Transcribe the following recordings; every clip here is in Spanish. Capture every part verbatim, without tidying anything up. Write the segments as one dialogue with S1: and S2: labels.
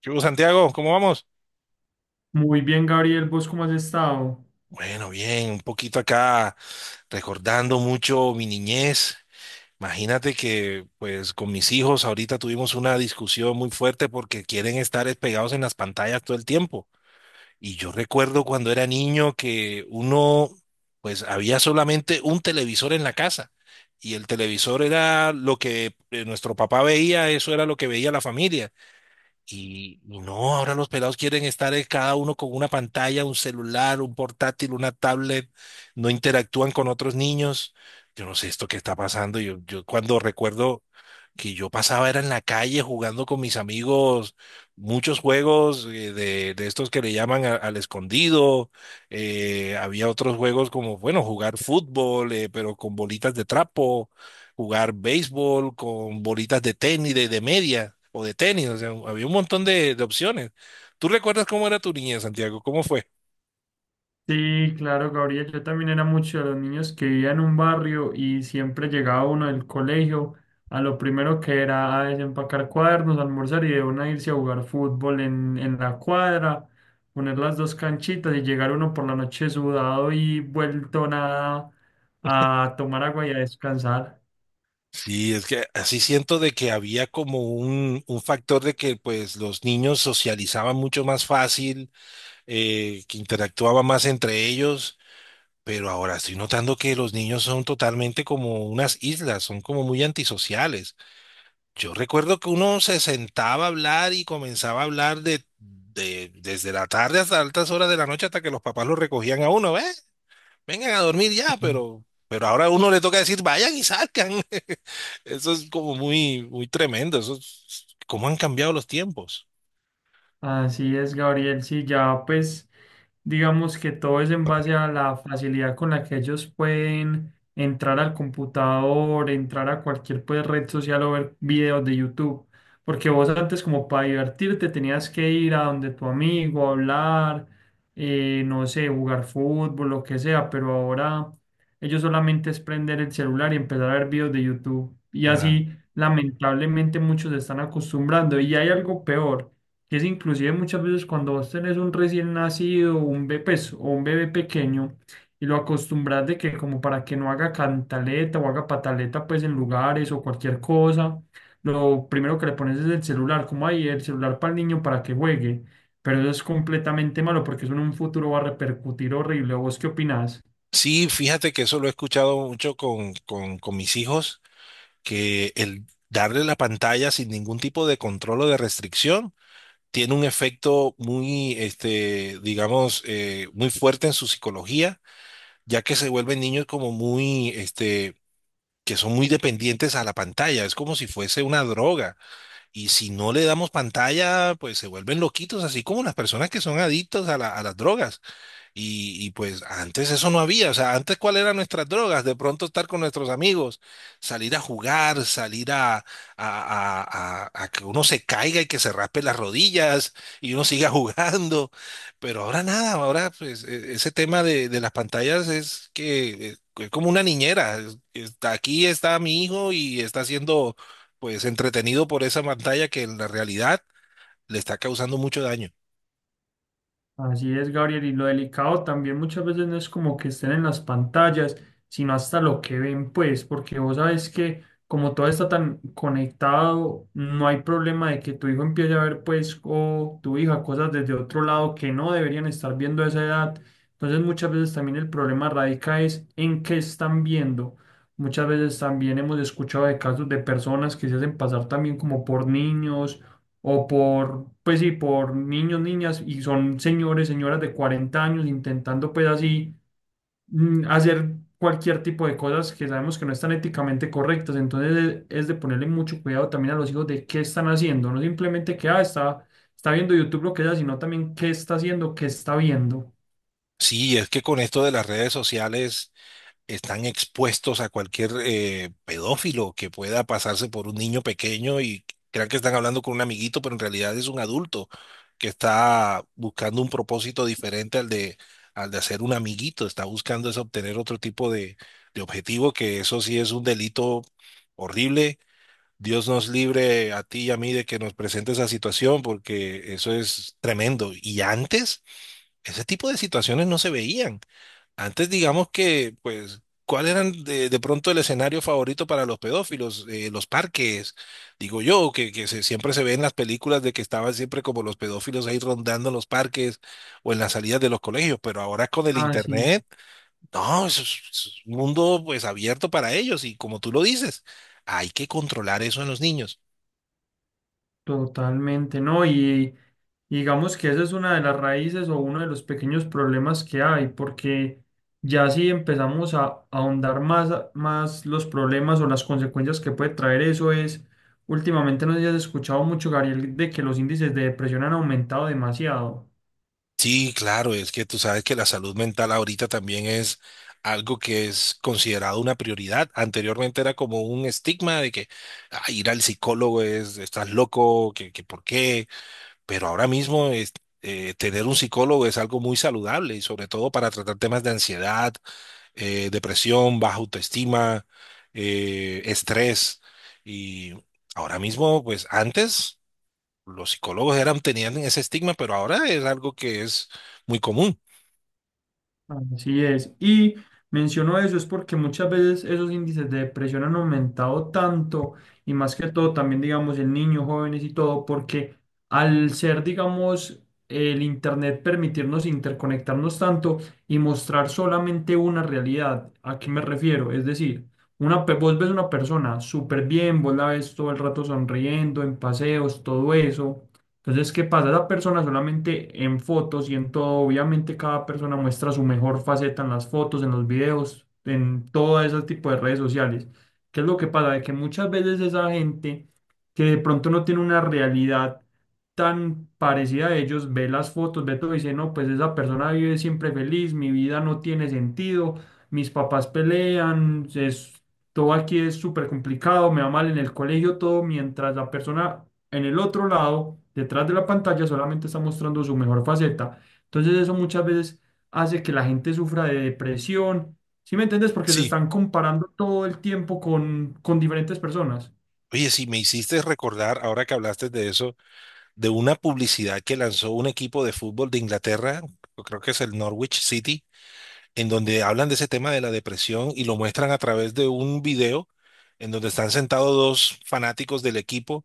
S1: ¿Qué hubo, Santiago? ¿Cómo vamos?
S2: Muy bien, Gabriel, ¿vos cómo has estado?
S1: Bueno, bien, un poquito acá recordando mucho mi niñez. Imagínate que pues con mis hijos ahorita tuvimos una discusión muy fuerte porque quieren estar es pegados en las pantallas todo el tiempo. Y yo recuerdo cuando era niño que uno pues había solamente un televisor en la casa y el televisor era lo que eh, nuestro papá veía, eso era lo que veía la familia. Y, y no, ahora los pelados quieren estar eh, cada uno con una pantalla, un celular, un portátil, una tablet, no interactúan con otros niños. Yo no sé esto qué está pasando. Yo, yo cuando recuerdo que yo pasaba era en la calle jugando con mis amigos muchos juegos eh, de, de estos que le llaman a- al escondido. Eh, había otros juegos como, bueno, jugar fútbol, eh, pero con bolitas de trapo, jugar béisbol con bolitas de tenis, de, de media o de tenis. O sea, había un montón de, de opciones. ¿Tú recuerdas cómo era tu niña, Santiago? ¿Cómo fue?
S2: Sí, claro, Gabriel, yo también era mucho de los niños que vivía en un barrio y siempre llegaba uno del colegio a lo primero que era a desempacar cuadernos, almorzar y de una irse a jugar fútbol en, en la cuadra, poner las dos canchitas y llegar uno por la noche sudado y vuelto nada a tomar agua y a descansar.
S1: Sí, es que así siento de que había como un, un factor de que pues los niños socializaban mucho más fácil eh, que interactuaba más entre ellos, pero ahora estoy notando que los niños son totalmente como unas islas, son como muy antisociales. Yo recuerdo que uno se sentaba a hablar y comenzaba a hablar de, de- desde la tarde hasta altas horas de la noche hasta que los papás lo recogían a uno, ¿eh? Vengan a dormir ya, pero, pero ahora a uno le toca decir, vayan y salgan. Eso es como muy, muy tremendo. Eso es- cómo han cambiado los tiempos.
S2: Así es, Gabriel. Sí, ya pues digamos que todo es en base a la facilidad con la que ellos pueden entrar al computador, entrar a cualquier pues, red social o ver videos de YouTube. Porque vos antes como para divertirte tenías que ir a donde tu amigo, hablar, eh, no sé, jugar fútbol, lo que sea, pero ahora ellos solamente es prender el celular y empezar a ver videos de YouTube. Y
S1: Ajá.
S2: así lamentablemente muchos se están acostumbrando. Y hay algo peor que es inclusive muchas veces cuando vos tenés un recién nacido, un bebé, pues, o un bebé pequeño, y lo acostumbras de que como para que no haga cantaleta o haga pataleta, pues en lugares o cualquier cosa, lo primero que le pones es el celular, como ahí el celular para el niño para que juegue, pero eso es completamente malo porque eso en un futuro va a repercutir horrible. ¿Vos qué opinás?
S1: Sí, fíjate que eso lo he escuchado mucho con, con, con mis hijos, que el darle la pantalla sin ningún tipo de control o de restricción tiene un efecto muy, este, digamos, eh, muy fuerte en su psicología, ya que se vuelven niños como muy, este, que son muy dependientes a la pantalla. Es como si fuese una droga. Y si no le damos pantalla, pues se vuelven loquitos, así como las personas que son adictos a la- a las drogas. Y, y, pues antes eso no había, o sea, antes cuál eran nuestras drogas, de pronto estar con nuestros amigos, salir a jugar, salir a, a, a- a- a que uno se caiga y que se raspe las rodillas y uno siga jugando, pero ahora nada, ahora pues e- ese tema de, de las pantallas es que eh, es como una niñera, es- está aquí está mi hijo y está siendo pues entretenido por esa pantalla que en la realidad le está causando mucho daño.
S2: Así es, Gabriel, y lo delicado también muchas veces no es como que estén en las pantallas, sino hasta lo que ven, pues, porque vos sabes que como todo está tan conectado, no hay problema de que tu hijo empiece a ver, pues, o tu hija cosas desde otro lado que no deberían estar viendo a esa edad. Entonces, muchas veces también el problema radica es en qué están viendo. Muchas veces también hemos escuchado de casos de personas que se hacen pasar también como por niños o por, pues sí, por niños, niñas, y son señores, señoras de cuarenta años intentando pues así mm, hacer cualquier tipo de cosas que sabemos que no están éticamente correctas. Entonces e- es de ponerle mucho cuidado también a los hijos de qué están haciendo, no simplemente que, ah, está, está viendo YouTube lo que sea, sino también qué está haciendo, qué está viendo.
S1: Sí, es que con esto de las redes sociales están expuestos a cualquier eh, pedófilo que pueda pasarse por un niño pequeño y crean que están hablando con un amiguito, pero en realidad es un adulto que está buscando un propósito diferente al de, al de hacer un amiguito, está buscando es obtener otro tipo de, de objetivo, que eso sí es un delito horrible. Dios nos libre a ti y a mí de que nos presente esa situación, porque eso es tremendo. Y antes, ese tipo de situaciones no se veían. Antes digamos que, pues, ¿cuál eran de, de pronto el escenario favorito para los pedófilos? Eh, los parques, digo yo, que, que se- siempre se ve en las películas de que estaban siempre como los pedófilos ahí rondando en los parques o en las salidas de los colegios, pero ahora con el
S2: Ah, sí.
S1: internet, no, eso es, es un mundo pues abierto para ellos y como tú lo dices, hay que controlar eso en los niños.
S2: Totalmente, ¿no? Y, y digamos que esa es una de las raíces o uno de los pequeños problemas que hay, porque ya si empezamos a, a ahondar más, a- más los problemas o las consecuencias que puede traer eso es, últimamente no sé si has escuchado mucho, Gabriel, de que los índices de depresión han aumentado demasiado.
S1: Sí, claro, es que tú sabes que la salud mental ahorita también es algo que es considerado una prioridad. Anteriormente era como un estigma de que "Ah, ir al psicólogo es, estás loco, que, que por qué, pero ahora mismo es, eh, tener un psicólogo es algo muy saludable y sobre todo para tratar temas de ansiedad, eh, depresión, baja autoestima, eh, estrés. Y ahora mismo, pues antes los psicólogos eran, tenían ese estigma, pero ahora es algo que es muy común.
S2: Así es. Y menciono eso es porque muchas veces esos índices de depresión han aumentado tanto y más que todo también, digamos, en niños, jóvenes y todo, porque al ser, digamos, el Internet permitirnos interconectarnos tanto y mostrar solamente una realidad, ¿a qué me refiero? Es decir, una, pe- vos ves una persona súper bien, vos la ves todo el rato sonriendo, en paseos, todo eso. Entonces, ¿qué pasa? Esa persona solamente en fotos y en todo, obviamente cada persona muestra su mejor faceta en las fotos, en los videos, en todo ese tipo de redes sociales. ¿Qué es lo que pasa? De que muchas veces esa gente que de pronto no tiene una realidad tan parecida a ellos, ve las fotos, ve todo y dice, no, pues esa persona vive siempre feliz, mi vida no tiene sentido, mis papás pelean, es, todo aquí es súper complicado, me va mal en el colegio, todo, mientras la persona en el otro lado, detrás de la pantalla, solamente está mostrando su mejor faceta. Entonces eso muchas veces hace que la gente sufra de depresión. ¿Sí me entiendes? Porque se
S1: Sí.
S2: están comparando todo el tiempo con, con diferentes personas.
S1: Oye, si me hiciste recordar, ahora que hablaste de eso, de una publicidad que lanzó un equipo de fútbol de Inglaterra, yo creo que es el Norwich City, en donde hablan de ese tema de la depresión y lo muestran a través de un video en donde están sentados dos fanáticos del equipo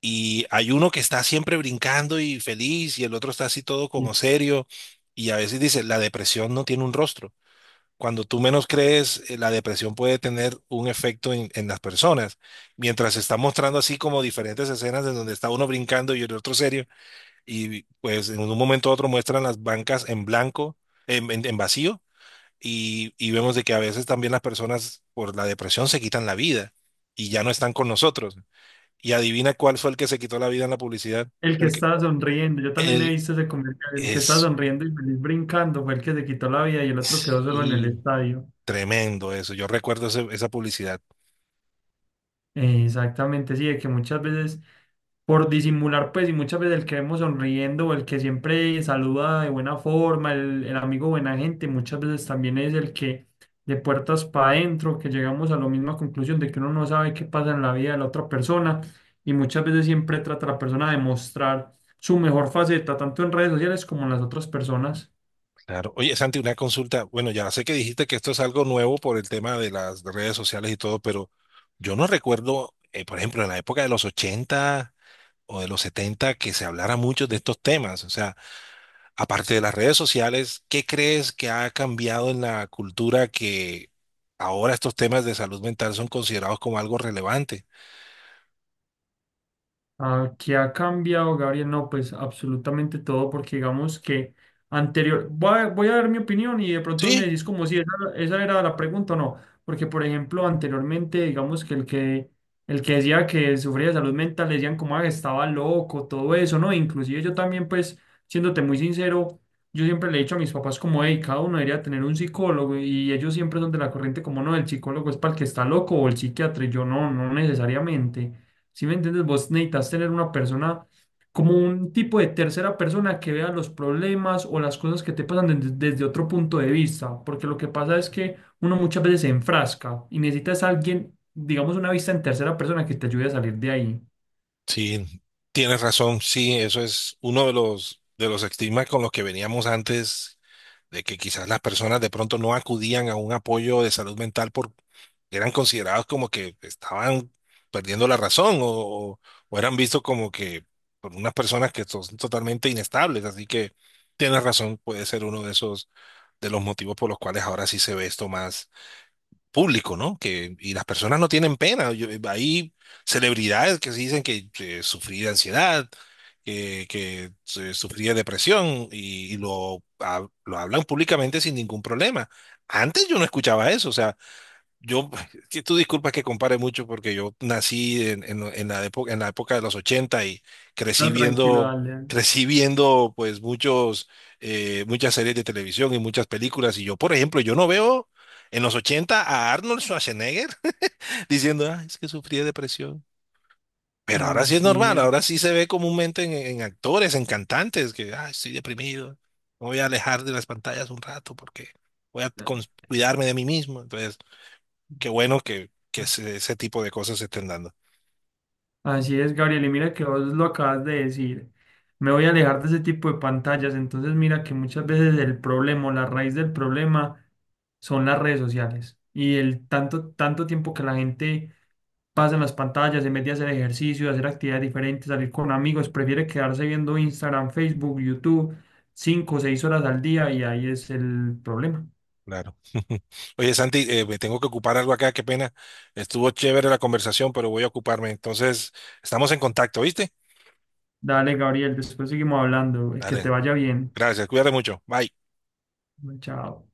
S1: y hay uno que está siempre brincando y feliz y el otro está así todo
S2: Sí.
S1: como serio y a veces dice, la depresión no tiene un rostro. Cuando tú menos crees, eh, la depresión puede tener un efecto en, en las personas. Mientras se está mostrando así como diferentes escenas en donde está uno brincando y el otro serio, y pues en un momento u otro muestran las bancas en blanco, en, en- en vacío, y, y vemos de que a veces también las personas por la depresión se quitan la vida y ya no están con nosotros. Y adivina cuál fue el que se quitó la vida en la publicidad.
S2: El que
S1: El que,
S2: está sonriendo, yo también he
S1: el-
S2: visto ese comentario, el que está
S1: es
S2: sonriendo y feliz brincando fue el que se quitó la vida y el otro quedó solo en el
S1: y
S2: estadio.
S1: Tremendo eso. Yo recuerdo ese- esa publicidad.
S2: Eh, Exactamente, sí, de que muchas veces por disimular, pues, y muchas veces el que vemos sonriendo o el que siempre saluda de buena forma, el, el amigo buena gente, muchas veces también es el que de puertas para adentro, que llegamos a la misma conclusión de que uno no sabe qué pasa en la vida de la otra persona y muchas veces siempre trata a la persona de mostrar su mejor faceta, tanto en redes sociales como en las otras personas.
S1: Claro. Oye, Santi, una consulta. Bueno, ya sé que dijiste que esto es algo nuevo por el tema de las redes sociales y todo, pero yo no recuerdo, eh, por ejemplo, en la época de los ochenta o de los setenta que se hablara mucho de estos temas. O sea, aparte de las redes sociales, ¿qué crees que ha cambiado en la cultura que ahora estos temas de salud mental son considerados como algo relevante?
S2: Ah, ¿qué ha cambiado, Gabriel? No, pues absolutamente todo, porque digamos que anterior, voy a, voy a dar mi opinión y de pronto me
S1: Sí,
S2: decís como si esa, esa era la pregunta o no, porque por ejemplo, anteriormente, digamos que el que, el que decía que sufría de salud mental, le decían como "Ah, estaba loco, todo eso, ¿no? Inclusive yo también, pues, siéndote muy sincero, yo siempre le he dicho a mis papás como, hey, cada uno debería tener un psicólogo y ellos siempre son de la corriente como, no, el psicólogo es para el que está loco o el psiquiatra, y yo no, no necesariamente. Si me entiendes, vos necesitas tener una persona como un tipo de tercera persona que vea los problemas o las cosas que te pasan desde, desde otro punto de vista, porque lo que pasa es que uno muchas veces se enfrasca y necesitas a alguien, digamos, una vista en tercera persona que te ayude a salir de ahí.
S1: Sí, tienes razón. Sí, eso es uno de los, de los estigmas con los que veníamos antes, de que quizás las personas de pronto no acudían a un apoyo de salud mental por eran considerados como que estaban perdiendo la razón o, o eran vistos como que por unas personas que son totalmente inestables. Así que tienes razón, puede ser uno de esos, de los motivos por los cuales ahora sí se ve esto más público, ¿no? Que, y las personas no tienen pena. Yo- hay celebridades que se dicen que eh, sufrí de ansiedad, que, que eh, sufrí de depresión y, y lo, hab- lo hablan públicamente sin ningún problema. Antes yo no escuchaba eso, o sea, yo, que tú disculpas que compare mucho porque yo nací en, en- en la época, en la época de los ochenta y crecí
S2: No, tranquilo,
S1: viendo,
S2: dale.
S1: crecí viendo pues muchos, eh, muchas series de televisión y muchas películas. Y yo, por ejemplo, yo no veo en los ochenta a Arnold Schwarzenegger diciendo, ah, es que sufrí de depresión. Pero ahora
S2: Ah,
S1: sí es normal,
S2: sí.
S1: ahora sí se ve comúnmente en, en actores, en cantantes, que, ah, estoy deprimido, me voy a alejar de las pantallas un rato porque voy a cons- cuidarme
S2: eh.
S1: de mí mismo. Entonces... Qué bueno que, que ese, ese tipo de cosas se estén dando.
S2: Así es, Gabriel, y mira que vos lo acabas de decir. Me voy a alejar de ese tipo de pantallas. Entonces, mira que muchas veces el problema, o la raíz del problema, son las redes sociales. Y el tanto, tanto tiempo que la gente pasa en las pantallas, en vez de hacer ejercicio, hacer actividades diferentes, salir con amigos, prefiere quedarse viendo Instagram, Facebook, YouTube, cinco o seis horas al día, y ahí es el problema.
S1: Claro. Oye, Santi, eh, me tengo que ocupar algo acá, qué pena. Estuvo chévere la conversación, pero voy a ocuparme. Entonces, estamos en contacto, ¿viste?
S2: Dale, Gabriel, después seguimos hablando. eh, Que te
S1: Dale,
S2: vaya bien.
S1: gracias, cuídate mucho. Bye.
S2: Chao.